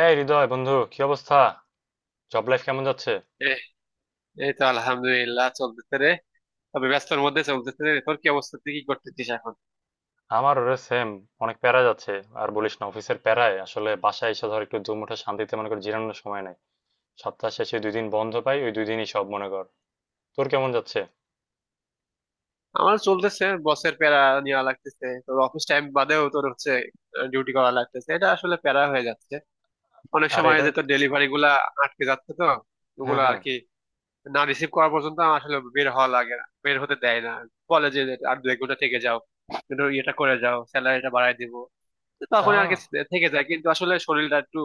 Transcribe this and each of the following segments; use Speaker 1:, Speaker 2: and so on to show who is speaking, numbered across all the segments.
Speaker 1: এই হৃদয় বন্ধু কি অবস্থা? জব লাইফ কেমন যাচ্ছে?
Speaker 2: এই এই তো আলহামদুলিল্লাহ চলতেছে রে। তবে ব্যস্তর মধ্যে চলতেছে রে। তোর কি অবস্থা, তুই কি করতেছিস এখন?
Speaker 1: আমার ওরে সেম, অনেক প্যারা যাচ্ছে। আর বলিস না, অফিসের প্যারায় আসলে বাসায় এসে ধর একটু দুমুঠো শান্তিতে মনে কর জিরানোর সময় নাই। সপ্তাহ শেষে 2 দিন বন্ধ পাই, ওই 2 দিনই সব মনে কর। তোর কেমন যাচ্ছে?
Speaker 2: আমার চলতেছে, বসের প্যারা নেওয়া লাগতেছে। তোর অফিস টাইম বাদেও তোর হচ্ছে ডিউটি করা লাগতেছে, এটা আসলে প্যারা হয়ে যাচ্ছে। অনেক
Speaker 1: আর
Speaker 2: সময়
Speaker 1: এটার...
Speaker 2: যে তোর ডেলিভারি গুলা আটকে যাচ্ছে তো,
Speaker 1: হ্যাঁ,
Speaker 2: ওগুলা আর
Speaker 1: হ্যাঁ।
Speaker 2: কি না রিসিভ করা পর্যন্ত আমার আসলে বের হওয়া লাগে, না বের হতে দেয় না। বলে যে আর 1-2 ঘন্টা থেকে যাও, একটু ইয়েটা করে যাও, স্যালারিটা বাড়ায় দিব। তো তখন আর
Speaker 1: আহ
Speaker 2: কি, থেকে যায়। কিন্তু আসলে শরীরটা একটু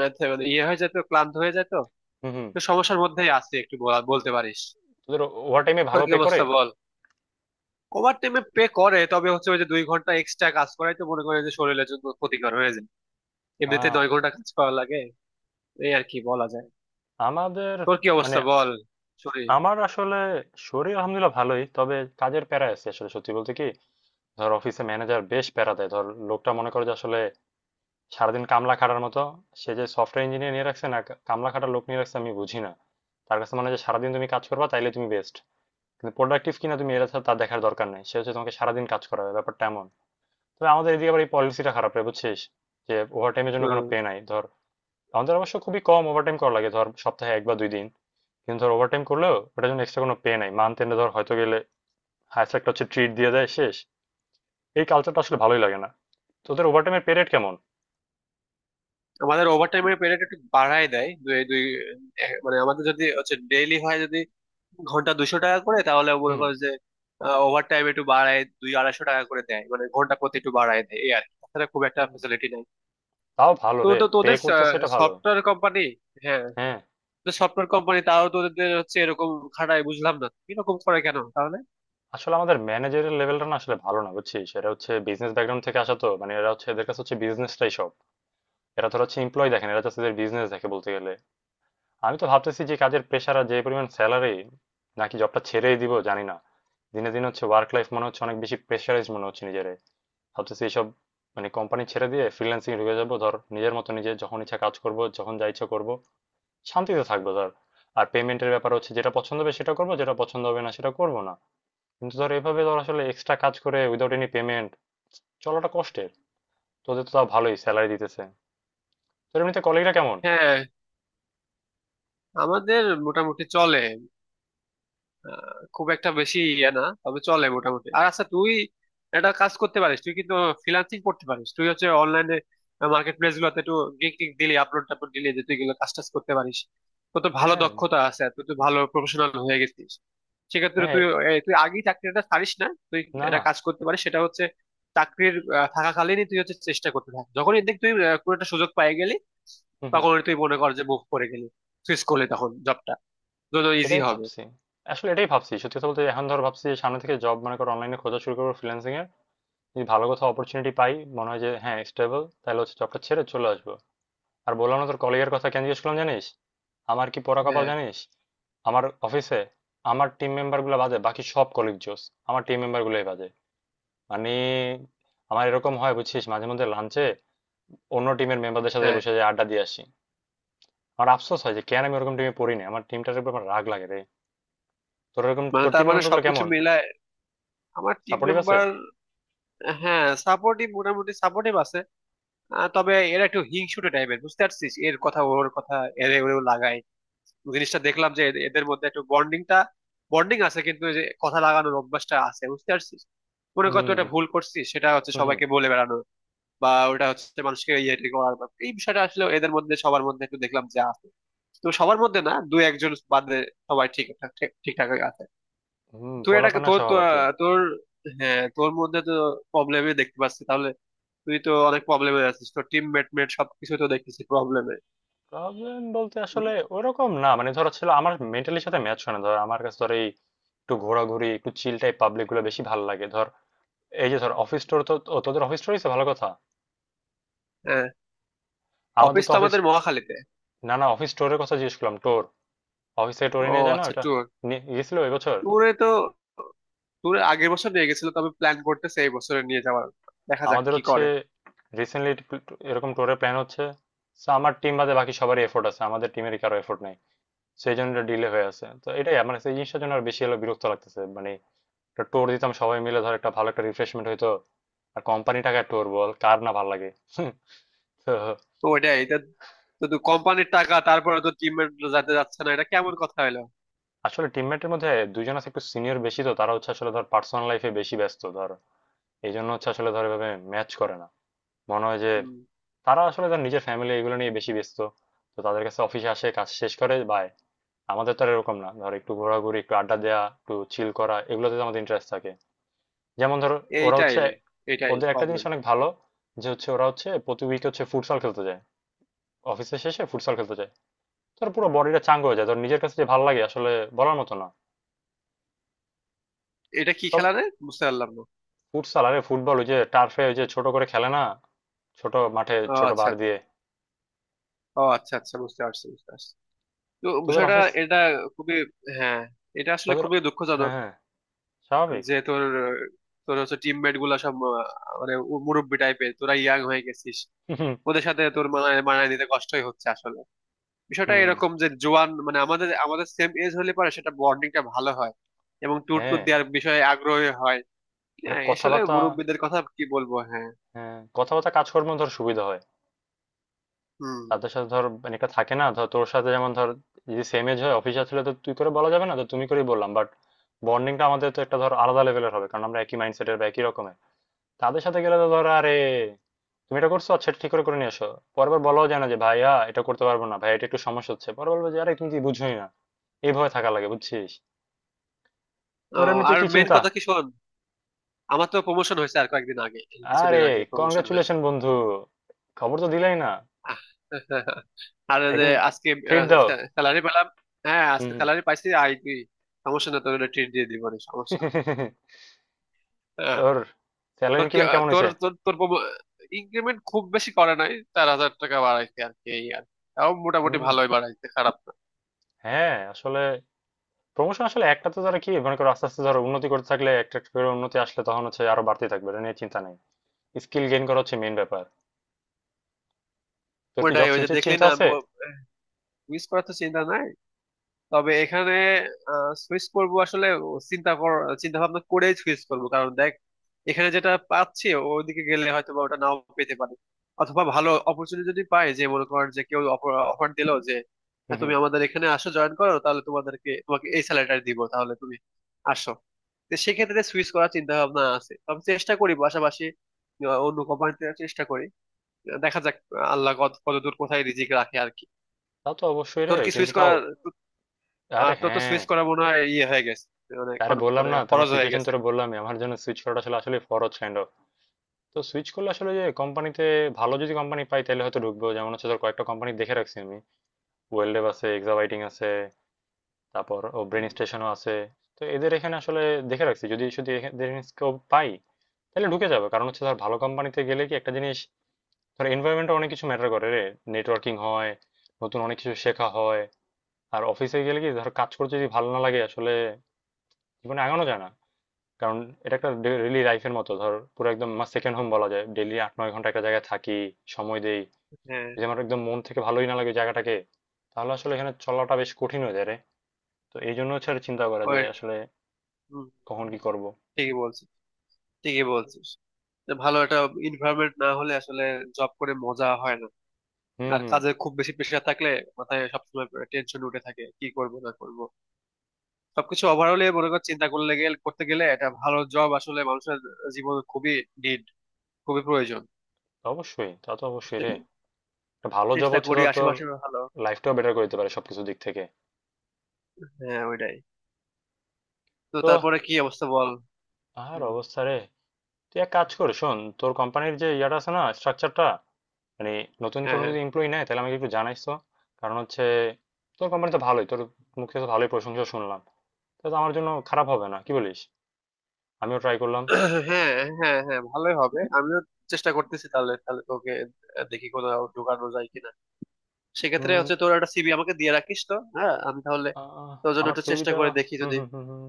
Speaker 2: আহ, মানে ইয়ে হয়ে যায় তো, ক্লান্ত হয়ে যায় তো।
Speaker 1: হুম, হুম।
Speaker 2: তো সমস্যার মধ্যেই আছে, একটু বলতে পারিস।
Speaker 1: তোদের ওভার টাইমে
Speaker 2: তোর
Speaker 1: ভালো
Speaker 2: কি
Speaker 1: পে করে?
Speaker 2: অবস্থা বল? ওভার টাইমে পে করে, তবে হচ্ছে ওই যে 2 ঘন্টা এক্সট্রা কাজ করাই তো মনে করে, যে শরীরের জন্য ক্ষতিকর হয়ে যায়। এমনিতে
Speaker 1: আহ
Speaker 2: 9 ঘন্টা কাজ করা লাগে। এই আর কি বলা যায়।
Speaker 1: আমাদের
Speaker 2: তোর কি
Speaker 1: মানে
Speaker 2: অবস্থা বল? সরি।
Speaker 1: আমার আসলে শরীর আলহামদুলিল্লাহ ভালোই, তবে কাজের প্যারা আছে আসলে সত্যি বলতে কি। ধর অফিসে ম্যানেজার বেশ প্যারা দেয়, ধর লোকটা মনে করে যে আসলে সারাদিন কামলা খাটার মতো। সে যে সফটওয়্যার ইঞ্জিনিয়ার নিয়ে রাখছে না, কামলা খাটার লোক নিয়ে রাখছে, আমি বুঝি না। তার কাছে মানে যে সারাদিন তুমি কাজ করবা তাইলে তুমি বেস্ট, কিন্তু প্রোডাক্টিভ কিনা তুমি এটা তার দেখার দরকার নেই, সে হচ্ছে তোমাকে সারাদিন কাজ করাবে, ব্যাপারটা এমন। তবে আমাদের এদিকে আবার এই পলিসিটা খারাপ রে বুঝছিস, যে ওভারটাইমের জন্য কোনো
Speaker 2: হম।
Speaker 1: পে নাই ধর। আমাদের অবশ্য খুবই কম ওভারটাইম করা লাগে, ধর সপ্তাহে 1 বা 2 দিন। কিন্তু ধর ওভারটাইম করলেও ওটার জন্য এক্সট্রা কোনো পে নাই, মান্থ এন্ডে ধর হয়তো গেলে হায়েস্ট একটা হচ্ছে ট্রিট দিয়ে দেয়, শেষ। এই কালচারটা আসলে ভালোই লাগে না। তোদের ওভারটাইমের পে রেট কেমন?
Speaker 2: আমাদের ওভার টাইমের পেরিয়ড একটু বাড়ায় দেয়, দুই দুই মানে আমাদের যদি হচ্ছে ডেইলি হয় যদি ঘন্টা 200 টাকা করে, তাহলে মনে
Speaker 1: হুম,
Speaker 2: করো যে ওভার টাইম একটু বাড়ায় দুই 250 টাকা করে দেয়। মানে ঘন্টা প্রতি একটু বাড়ায় দেয়, এই আর কি। তাছাড়া খুব একটা
Speaker 1: হুম।
Speaker 2: ফেসিলিটি নাই।
Speaker 1: তাও ভালো
Speaker 2: তো
Speaker 1: রে,
Speaker 2: তো
Speaker 1: পে
Speaker 2: তোদের
Speaker 1: করতেছে এটা ভালো।
Speaker 2: সফটওয়্যার কোম্পানি,
Speaker 1: হ্যাঁ,
Speaker 2: তো সফটওয়্যার কোম্পানি তারাও তো ওদের হচ্ছে এরকম খাটায়, বুঝলাম না এরকম করে কেন তাহলে।
Speaker 1: আসলে আমাদের ম্যানেজারের লেভেলটা না আসলে ভালো না বুঝছিস, এরা হচ্ছে বিজনেস ব্যাকগ্রাউন্ড থেকে আসা, তো মানে এরা হচ্ছে, এদের কাছে হচ্ছে বিজনেসটাই সব। এরা ধর হচ্ছে এমপ্লয় দেখেন, এরা হচ্ছে বিজনেস দেখে বলতে গেলে। আমি তো ভাবতেছি যে কাজের প্রেশার আর যে পরিমাণ স্যালারি, নাকি জবটা ছেড়েই দিব জানি না। দিনে দিনে হচ্ছে ওয়ার্ক লাইফ মনে হচ্ছে অনেক বেশি প্রেশারাইজ মনে হচ্ছে নিজেরে। ভাবতেছি এইসব, মানে কোম্পানি ছেড়ে দিয়ে ফ্রিল্যান্সিং ঢুকে যাবো ধর, নিজের মতো নিজে যখন ইচ্ছা কাজ করব, যখন যা ইচ্ছা করবো, শান্তিতে থাকবো ধর। আর পেমেন্টের ব্যাপার হচ্ছে, যেটা পছন্দ হবে সেটা করবো, যেটা পছন্দ হবে না সেটা করবো না। কিন্তু ধর এভাবে ধর আসলে এক্সট্রা কাজ করে উইদাউট এনি পেমেন্ট, চলাটা কষ্টের। তোদের তো তাও ভালোই স্যালারি দিতেছে। তোর এমনিতে কলিগরা কেমন?
Speaker 2: হ্যাঁ, আমাদের মোটামুটি চলে। আহ, খুব একটা বেশি ইয়ে না, তবে চলে মোটামুটি। আর আচ্ছা, তুই একটা কাজ করতে পারিস, তুই কিন্তু ফ্রিল্যান্সিং করতে পারিস। তুই হচ্ছে অনলাইনে মার্কেট প্লেস গুলোতে একটু গিগ টিক দিলি, আপলোড টাপলোড দিলি যে তুই এগুলো কাজ টাজ করতে পারিস। তোর ভালো
Speaker 1: হ্যাঁ,
Speaker 2: দক্ষতা আছে, তুই তো ভালো প্রফেশনাল হয়ে গেছিস। সেক্ষেত্রে
Speaker 1: হ্যাঁ।
Speaker 2: তুই তুই আগেই চাকরিটা ছাড়িস না। তুই
Speaker 1: না,
Speaker 2: একটা
Speaker 1: না।
Speaker 2: কাজ করতে পারিস, সেটা হচ্ছে চাকরির থাকাকালীনই তুই হচ্ছে চেষ্টা করতে থাক। যখনই দেখ তুই কোনো একটা সুযোগ পেয়ে গেলি,
Speaker 1: হুম, হুম।
Speaker 2: তখন তুই মনে কর যে মুভ করে গেলি, সুইচ করলি, তখন জবটা দুটো ইজি
Speaker 1: এটাই
Speaker 2: হবে।
Speaker 1: ভাবছি, আসলে এটাই ভাবছি সত্যি কথা বলতে, এখন ধর ভাবছি যে সামনে থেকে জব মনে করো অনলাইনে খোঁজা শুরু করবো ফ্রিল্যান্সিং এর। যদি ভালো কোথাও অপরচুনিটি পাই, মনে হয় যে হ্যাঁ স্টেবল, তাহলে হচ্ছে জবটা ছেড়ে চলে আসবো। আর বললাম না তোর কলিগের কথা কেন জিজ্ঞেস করলাম জানিস? আমার কি পোড়া কপাল
Speaker 2: হ্যাঁ,
Speaker 1: জানিস, আমার অফিসে আমার টিম মেম্বার গুলো বাজে, বাকি সব কলিগ জোস। আমার টিম মেম্বার গুলোই বাজে। মানে আমার এরকম হয় বুঝছিস, মাঝে মধ্যে লাঞ্চে অন্য টিমের মেম্বারদের সাথে
Speaker 2: হ্যাঁ।
Speaker 1: বসে যাই, আড্ডা দিয়ে আসি। আমার আফসোস হয় যে কেন আমি ওরকম টিমে পড়ি না, আমার টিমটার উপর আমার রাগ লাগে রে। তোর এরকম,
Speaker 2: মানে
Speaker 1: তোর
Speaker 2: তার
Speaker 1: টিমের
Speaker 2: মানে
Speaker 1: মেম্বার গুলো
Speaker 2: সবকিছু
Speaker 1: কেমন?
Speaker 2: মিলায় আমার টিম
Speaker 1: সাপোর্টিভ আছে?
Speaker 2: মেম্বার, হ্যাঁ সাপোর্টিভ, মোটামুটি সাপোর্টিভ আছে। আহ, তবে এরা একটু হিংসুটে টাইপের, বুঝতে পারছিস। এর কথা ওর কথা, এরে ওরেও লাগায়। জিনিসটা দেখলাম যে এদের এদের মধ্যে একটু বন্ডিং আছে, কিন্তু এই যে কথা লাগানোর অভ্যাসটা আছে, বুঝতে পারছিস। মনে কর তুই
Speaker 1: হুম,
Speaker 2: একটা ভুল করছিস, সেটা হচ্ছে
Speaker 1: হুম, হুম।
Speaker 2: সবাইকে বলে বেড়ানো, বা ওটা হচ্ছে মানুষকে ইয়ে টিয়ে এই বিষয়টা আসলে এদের মধ্যে সবার মধ্যে একটু দেখলাম যে আছে। তো সবার মধ্যে না, দু একজন বাদে সবাই ঠিকঠাক আছে।
Speaker 1: হুম,
Speaker 2: তুই এটাকে
Speaker 1: পোলাপানা
Speaker 2: তোর তো,
Speaker 1: স্বভাব আর কি।
Speaker 2: আহ, তোর হ্যাঁ তোর মধ্যে তো প্রবলেমে দেখতে পাচ্ছি তাহলে। তুই তো অনেক প্রবলেমে আছিস, তোর টিম মেটমেট সবকিছু তো দেখতেছি প্রবলেমে।
Speaker 1: প্রবলেম বলতে আসলে ওরকম না, মানে ধরো ছিল আমার মেন্টালির সাথে ম্যাচ হয় না ধর, আমার কাছে ধর এই একটু ঘোরাঘুরি, একটু চিল টাইপ পাবলিক গুলো বেশি ভালো লাগে ধর। এই যে ধর অফিস স্টোর তো, ও, তোদের অফিস স্টোরই তো ভালো কথা।
Speaker 2: হ্যাঁ,
Speaker 1: আমাদের
Speaker 2: অফিস
Speaker 1: তো
Speaker 2: তো
Speaker 1: অফিস...
Speaker 2: আমাদের মহাখালীতে।
Speaker 1: না না, অফিস স্টোরের কথা জিজ্ঞেস করলাম, টোর। অফিস থেকে টোরে
Speaker 2: ও
Speaker 1: নিয়ে যায় না?
Speaker 2: আচ্ছা,
Speaker 1: ওটা
Speaker 2: ট্যুর।
Speaker 1: নিয়ে গেছিল এবছর।
Speaker 2: ট্যুরে তো, ট্যুরে আগের বছর নিয়ে গেছিল, তবে প্ল্যান করতেছে এই বছরে নিয়ে যাওয়ার। দেখা যাক
Speaker 1: আমাদের
Speaker 2: কি
Speaker 1: হচ্ছে
Speaker 2: করে।
Speaker 1: রিসেন্টলি এরকম টোরের প্ল্যান হচ্ছে। So, আমার টিম বাদে বাকি সবারই এফোর্ট আছে, আমাদের টিমের কারো এফোর্ট নাই। সেই জন্য এটা ডিলে হয়ে আছে, তো এটাই আমার কাছে, এই জিনিসটার জন্য আর বেশি হলো বিরক্ত লাগতেছে মানে। একটা টোর দিতাম সবাই মিলে ধর, একটা ভালো একটা রিফ্রেশমেন্ট হইতো। আর কোম্পানি টাকায় টোর, বল কার না ভালো লাগে? তো...
Speaker 2: তো ওইটাই এটা, তো তুই কোম্পানির টাকা, তারপরে তো টিম মেট যাতে যাচ্ছে না, এটা কেমন কথা হলো।
Speaker 1: আসলে টিমমেটের মধ্যে দুইজন আছে একটু সিনিয়র বেশি, তো তারা হচ্ছে আসলে ধর পার্সোনাল লাইফে বেশি ব্যস্ত ধর। এই জন্য হচ্ছে আসলে ধর এভাবে ম্যাচ করে না, মনে হয় যে
Speaker 2: হম।
Speaker 1: তারা আসলে ধর নিজের ফ্যামিলি এগুলো নিয়ে বেশি ব্যস্ত। তো তাদের কাছে অফিসে আসে কাজ শেষ করে বাই। আমাদের তো আর এরকম না ধর, একটু ঘোরাঘুরি, একটু আড্ডা দেওয়া, একটু চিল করা, এগুলোতে তো আমাদের ইন্টারেস্ট থাকে। যেমন ধর ওরা
Speaker 2: এইটাই
Speaker 1: হচ্ছে...
Speaker 2: এইটাই
Speaker 1: ওদের একটা জিনিস
Speaker 2: প্রবলেম।
Speaker 1: অনেক ভালো, যে হচ্ছে ওরা হচ্ছে প্রতি উইকে হচ্ছে ফুটসল খেলতে যায়, অফিসের শেষে ফুটসল খেলতে যায়। ধর পুরো বডিটা চাঙ্গ হয়ে যায় ধর, নিজের কাছে যে ভালো লাগে আসলে বলার মতো না।
Speaker 2: এটা কি
Speaker 1: তবে
Speaker 2: খেলা রে, বুঝতে পারলাম না।
Speaker 1: ফুটসাল, আরে ফুটবল, ওই যে টার্ফে ওই যে ছোট করে খেলে না, ছোট মাঠে
Speaker 2: ও
Speaker 1: ছোট
Speaker 2: আচ্ছা
Speaker 1: বার
Speaker 2: আচ্ছা।
Speaker 1: দিয়ে।
Speaker 2: ও আচ্ছা আচ্ছা, বুঝতে পারছি। তো
Speaker 1: তোদের
Speaker 2: বিষয়টা
Speaker 1: অফিস
Speaker 2: এটা খুবই, হ্যাঁ এটা আসলে
Speaker 1: তোদের
Speaker 2: খুবই দুঃখজনক
Speaker 1: হ্যাঁ, হ্যাঁ, স্বাভাবিক।
Speaker 2: যে তোর তোর হচ্ছে টিমমেট গুলা সব আহ, মানে মুরব্বি টাইপের, তোরা ইয়াং হয়ে গেছিস।
Speaker 1: হুম,
Speaker 2: ওদের সাথে তোর মানায় মানায় নিতে কষ্টই হচ্ছে আসলে। বিষয়টা
Speaker 1: হুম,
Speaker 2: এরকম যে জোয়ান মানে আমাদের আমাদের সেম এজ হলে পারে, সেটা বন্ডিংটা ভালো হয় এবং ট্যুর ট্যুর
Speaker 1: হ্যাঁ।
Speaker 2: দেওয়ার বিষয়ে আগ্রহী হয়।
Speaker 1: আরে
Speaker 2: হ্যাঁ আসলে
Speaker 1: কথাবার্তা,
Speaker 2: মুরব্বিদের কথা কি বলবো, হ্যাঁ।
Speaker 1: হ্যাঁ কথাবার্তা কাজকর্ম ধর সুবিধা হয়।
Speaker 2: হুম।
Speaker 1: তাদের সাথে ধর মানে একটা থাকে না, ধর তোর সাথে যেমন ধর, যদি সেম এজ হয় অফিসার ছিল তো তুই করে বলা যাবে না তো তুমি করেই বললাম, বাট বন্ডিংটা আমাদের তো একটা ধর আলাদা লেভেলের হবে, কারণ আমরা একই মাইন্ডসেটের বা একই রকমের। তাদের সাথে গেলে তো ধর, আরে তুমি এটা করছো, আচ্ছা এটা ঠিক করে করে নিয়ে আসো। পরবার বলাও যায় না যে ভাইয়া এটা করতে পারবো না, ভাই এটা একটু সমস্যা হচ্ছে, পরে বলবো যে আরে তুমি কি বুঝোই না। এইভাবে থাকা লাগে বুঝছিস। তোর
Speaker 2: আহ,
Speaker 1: এমনিতে
Speaker 2: আর
Speaker 1: কি
Speaker 2: মেন
Speaker 1: চিন্তা?
Speaker 2: কথা কি শোন, আমার তো প্রমোশন হয়েছে আর কয়েকদিন আগে, এই কিছুদিন
Speaker 1: আরে
Speaker 2: আগে প্রমোশন হয়েছে।
Speaker 1: কংগ্রাচুলেশন বন্ধু, খবর তো দিলাই না।
Speaker 2: আহ, আর যে
Speaker 1: একদিন
Speaker 2: আজকে
Speaker 1: ট্রিট দাও।
Speaker 2: স্যালারি পেলাম। হ্যাঁ,
Speaker 1: হুম,
Speaker 2: আজকে
Speaker 1: হুম।
Speaker 2: স্যালারি পাইছি। আই তুই সমস্যা না, তোর ট্রিট দিয়ে দিব, না সমস্যা না। হ্যাঁ।
Speaker 1: তোর স্যালারি
Speaker 2: তোর কি
Speaker 1: ইনক্রিমেন্ট
Speaker 2: আহ,
Speaker 1: কেমন
Speaker 2: তোর
Speaker 1: হয়েছে?
Speaker 2: তোর তোর ইনক্রিমেন্ট খুব বেশি করে নাই, 4,000 টাকা বাড়াইছে আর কি। এই আর তাও মোটামুটি
Speaker 1: হুম।
Speaker 2: ভালোই বাড়াইছে, খারাপ না।
Speaker 1: হ্যাঁ আসলে প্রমোশন আসলে একটা তো, তারা কি মনে করো আস্তে আস্তে ধরো উন্নতি করতে থাকলে একটা একটা করে উন্নতি আসলে, তখন হচ্ছে আরো বাড়তে থাকবে, এটা নিয়ে চিন্তা নেই। স্কিল গেইন করা হচ্ছে মেইন ব্যাপার। তোর কি
Speaker 2: ওটাই,
Speaker 1: জব
Speaker 2: ওই যে
Speaker 1: সুইচের
Speaker 2: দেখলি
Speaker 1: চিন্তা
Speaker 2: না,
Speaker 1: আছে?
Speaker 2: মিস করার তো চিন্তা নাই। তবে এখানে সুইচ করব আসলে চিন্তা কর চিন্তা ভাবনা করেই সুইচ করব, কারণ দেখ এখানে যেটা পাচ্ছি ওইদিকে গেলে হয়তো বা ওটা নাও পেতে পারি। অথবা ভালো অপরচুনিটি যদি পাই, যে মনে কর যে কেউ অফার দিলো যে
Speaker 1: হুম,
Speaker 2: "হ্যাঁ,
Speaker 1: হুম।
Speaker 2: তুমি আমাদের এখানে আসো, জয়েন করো, তাহলে তোমাকে এই স্যালারিটা দিব, তাহলে তুমি আসো।" তো সেক্ষেত্রে সুইচ করার চিন্তা ভাবনা আছে, তবে চেষ্টা করি পাশাপাশি অন্য কোম্পানিতে চেষ্টা করি। দেখা যাক আল্লাহ কত দূর কোথায় রিজিক রাখে আর কি।
Speaker 1: তা তো অবশ্যই রে,
Speaker 2: তোর কি
Speaker 1: কিন্তু
Speaker 2: সুইচ
Speaker 1: তাও...
Speaker 2: করার,
Speaker 1: আরে
Speaker 2: আর তোর তো
Speaker 1: হ্যাঁ।
Speaker 2: সুইচ করা মনে হয় ইয়ে হয়ে গেছে, মানে
Speaker 1: আরে বললাম
Speaker 2: মানে
Speaker 1: না তোমার
Speaker 2: খরচ হয়ে
Speaker 1: সিচুয়েশন,
Speaker 2: গেছে।
Speaker 1: তোরা বললাম, আমার জন্য সুইচ করাটা আসলে আসলে ফরজ কাইন্ড অফ। তো সুইচ করলে আসলে যে কোম্পানিতে, ভালো যদি কোম্পানি পাই তাহলে হয়তো ঢুকবো, যেমন হচ্ছে তোর... কয়েকটা কোম্পানি দেখে রাখছি আমি। ওয়েলডেভ আছে, এক্সাবাইটিং আছে, তারপর ও ব্রেন
Speaker 2: হুম,
Speaker 1: স্টেশনও আছে। তো এদের এখানে আসলে দেখে রাখছি, যদি, যদি এদের স্কোপ পাই তাহলে ঢুকে যাবে। কারণ হচ্ছে ধর ভালো কোম্পানিতে গেলে কি একটা জিনিস, ধর এনভায়রনমেন্টে অনেক কিছু ম্যাটার করে রে। নেটওয়ার্কিং হয়, নতুন অনেক কিছু শেখা হয়। আর অফিসে গেলে কি ধর, কাজ করতে যদি ভালো না লাগে আসলে জীবনে আগানো যায় না। কারণ এটা একটা ডেইলি লাইফের মতো ধর, পুরো একদম আমার সেকেন্ড হোম বলা যায়, ডেইলি 8-9 ঘন্টা একটা জায়গায় থাকি, সময় দেই।
Speaker 2: হ্যাঁ
Speaker 1: যদি আমার একদম মন থেকে ভালোই না লাগে জায়গাটাকে, তাহলে আসলে এখানে চলাটা বেশ কঠিন হয়ে যায় রে। তো এই জন্য হচ্ছে আর চিন্তা করা যে
Speaker 2: ওই,
Speaker 1: আসলে
Speaker 2: হুম,
Speaker 1: কখন
Speaker 2: হুম,
Speaker 1: কি করব।
Speaker 2: ঠিকই বলছিস, ঠিকই বলছিস যে ভালো একটা এনভায়রনমেন্ট না হলে আসলে জব করে মজা হয় না।
Speaker 1: হুম,
Speaker 2: আর
Speaker 1: হুম।
Speaker 2: কাজে খুব বেশি প্রেশার থাকলে মাথায় সবসময় টেনশন উঠে থাকে, কি করব না করব। সবকিছু ওভারঅলে মনে কর চিন্তা করলে গেলে করতে গেলে, একটা ভালো জব আসলে মানুষের জীবনে খুবই নিড, খুবই প্রয়োজন।
Speaker 1: অবশ্যই, তা তো অবশ্যই রে। একটা ভালো জব
Speaker 2: চেষ্টা
Speaker 1: হচ্ছে
Speaker 2: করি
Speaker 1: ধর তোর
Speaker 2: আশেপাশে ভালো।
Speaker 1: লাইফটাও বেটার করে দিতে পারে সবকিছু দিক থেকে।
Speaker 2: হ্যাঁ ওইটাই। তো
Speaker 1: তো
Speaker 2: তারপরে কি অবস্থা বল?
Speaker 1: আর
Speaker 2: হুম।
Speaker 1: অবস্থা রে। তুই এক কাজ কর, শোন, তোর কোম্পানির যে ইয়াটা আছে না, স্ট্রাকচারটা, মানে নতুন
Speaker 2: হ্যাঁ,
Speaker 1: কোনো
Speaker 2: হ্যাঁ
Speaker 1: যদি এমপ্লয়ি নেয় তাহলে আমাকে একটু জানাইস তো। কারণ হচ্ছে তোর কোম্পানি তো ভালোই, তোর মুখ থেকে তো ভালোই প্রশংসা শুনলাম, তা তো আমার জন্য খারাপ হবে না কি বলিস? আমিও ট্রাই করলাম।
Speaker 2: হ্যাঁ। হ্যাঁ হ্যাঁ ভালোই হবে, আমিও চেষ্টা করতেছি। তাহলে তাহলে তোকে দেখি কোথাও ঢোকানো যায় কিনা। সেক্ষেত্রে
Speaker 1: উম,
Speaker 2: হচ্ছে তোর একটা সিভি আমাকে দিয়ে রাখিস তো, হ্যাঁ আমি তাহলে
Speaker 1: আহ,
Speaker 2: তোর জন্য
Speaker 1: আমার
Speaker 2: একটু চেষ্টা
Speaker 1: সিভিটা...
Speaker 2: করে দেখি,
Speaker 1: হুম,
Speaker 2: যদি
Speaker 1: হুম, হুম, হুম।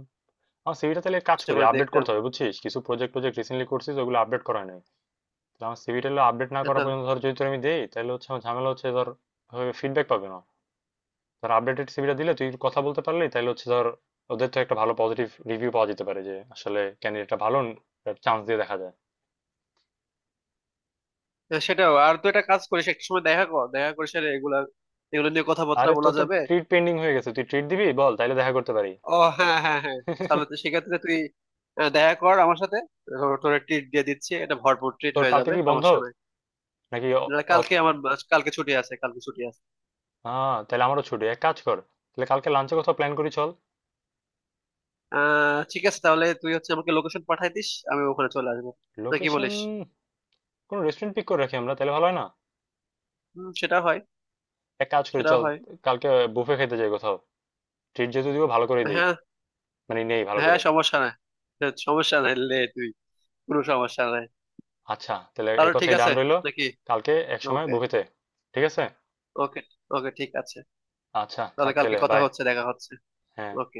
Speaker 1: আমার সিভিটা তাহলে এক কাজ
Speaker 2: চেষ্টা
Speaker 1: করি,
Speaker 2: করে
Speaker 1: আপডেট
Speaker 2: দেখতাম।
Speaker 1: করতে হবে বুঝছিস, কিছু প্রজেক্ট প্রজেক্ট রিসেন্টলি করছিস ওগুলো আপডেট করা হয় নাই। তাহলে আমার সিভিটা আপডেট না
Speaker 2: হ্যাঁ,
Speaker 1: করা
Speaker 2: তাহলে
Speaker 1: পর্যন্ত ধর, যদি তোর আমি দেই তাহলে হচ্ছে আমার ঝামেলা হচ্ছে ধর, ফিডব্যাক পাবে না। ধর আপডেটেড সিভিটা দিলে তুই কথা বলতে পারলি তাহলে হচ্ছে ধর ওদের তো একটা ভালো পজিটিভ রিভিউ পাওয়া যেতে পারে যে আসলে ক্যান্ডিডেটটা ভালো, চান্স দিয়ে দেখা যায়।
Speaker 2: হ্যাঁ, সেটাও। আর তুই একটা কাজ করিস, একটা সময় দেখা কর, দেখা করিস, আর এগুলো নিয়ে কথাবার্তা
Speaker 1: আরে
Speaker 2: বলা
Speaker 1: তোর তো
Speaker 2: যাবে।
Speaker 1: ট্রিট পেন্ডিং হয়ে গেছে, তুই ট্রিট দিবি বল তাহলে দেখা করতে পারি।
Speaker 2: ও হ্যাঁ হ্যাঁ হ্যাঁ। তাহলে তো সেক্ষেত্রে তুই দেখা কর আমার সাথে, তোর তোর ট্রিট দিয়ে দিচ্ছি, এটা ভরপুর ট্রিট
Speaker 1: তোর
Speaker 2: হয়ে
Speaker 1: কালকে
Speaker 2: যাবে,
Speaker 1: কি বন্ধ
Speaker 2: সমস্যা নাই।
Speaker 1: নাকি?
Speaker 2: না,
Speaker 1: অফ?
Speaker 2: কালকে আমার, কালকে ছুটি আছে,
Speaker 1: হ্যাঁ তাহলে আমারও ছুটি, এক কাজ কর তাহলে কালকে লাঞ্চে কোথাও প্ল্যান করি চল।
Speaker 2: আহ ঠিক আছে, তাহলে তুই হচ্ছে আমাকে লোকেশন পাঠাই দিস, আমি ওখানে চলে আসবো। না কি
Speaker 1: লোকেশন...
Speaker 2: বলিস?
Speaker 1: কোনো রেস্টুরেন্ট পিক করে রাখি আমরা তাহলে ভালো হয় না?
Speaker 2: হুম সেটা হয়,
Speaker 1: এক কাজ করি
Speaker 2: সেটা
Speaker 1: চল,
Speaker 2: হয়
Speaker 1: কালকে বুফে খেতে যাই কোথাও, ট্রিট যেহেতু দিব ভালো করে দিই,
Speaker 2: হ্যাঁ,
Speaker 1: মানে নেই ভালো
Speaker 2: হ্যাঁ
Speaker 1: করে।
Speaker 2: সমস্যা নাই, হ্যাঁ, সমস্যা নাই লে তুই, কোনো সমস্যা নাই।
Speaker 1: আচ্ছা তাহলে এই
Speaker 2: তাহলে ঠিক
Speaker 1: কথাই ডান
Speaker 2: আছে,
Speaker 1: রইলো,
Speaker 2: নাকি?
Speaker 1: কালকে এক সময়
Speaker 2: ওকে,
Speaker 1: বুফেতে। ঠিক আছে।
Speaker 2: ওকে ওকে ঠিক আছে।
Speaker 1: আচ্ছা
Speaker 2: তাহলে
Speaker 1: থাক
Speaker 2: কালকে
Speaker 1: তাহলে,
Speaker 2: কথা
Speaker 1: বাই।
Speaker 2: হচ্ছে, দেখা হচ্ছে।
Speaker 1: হ্যাঁ।
Speaker 2: ওকে।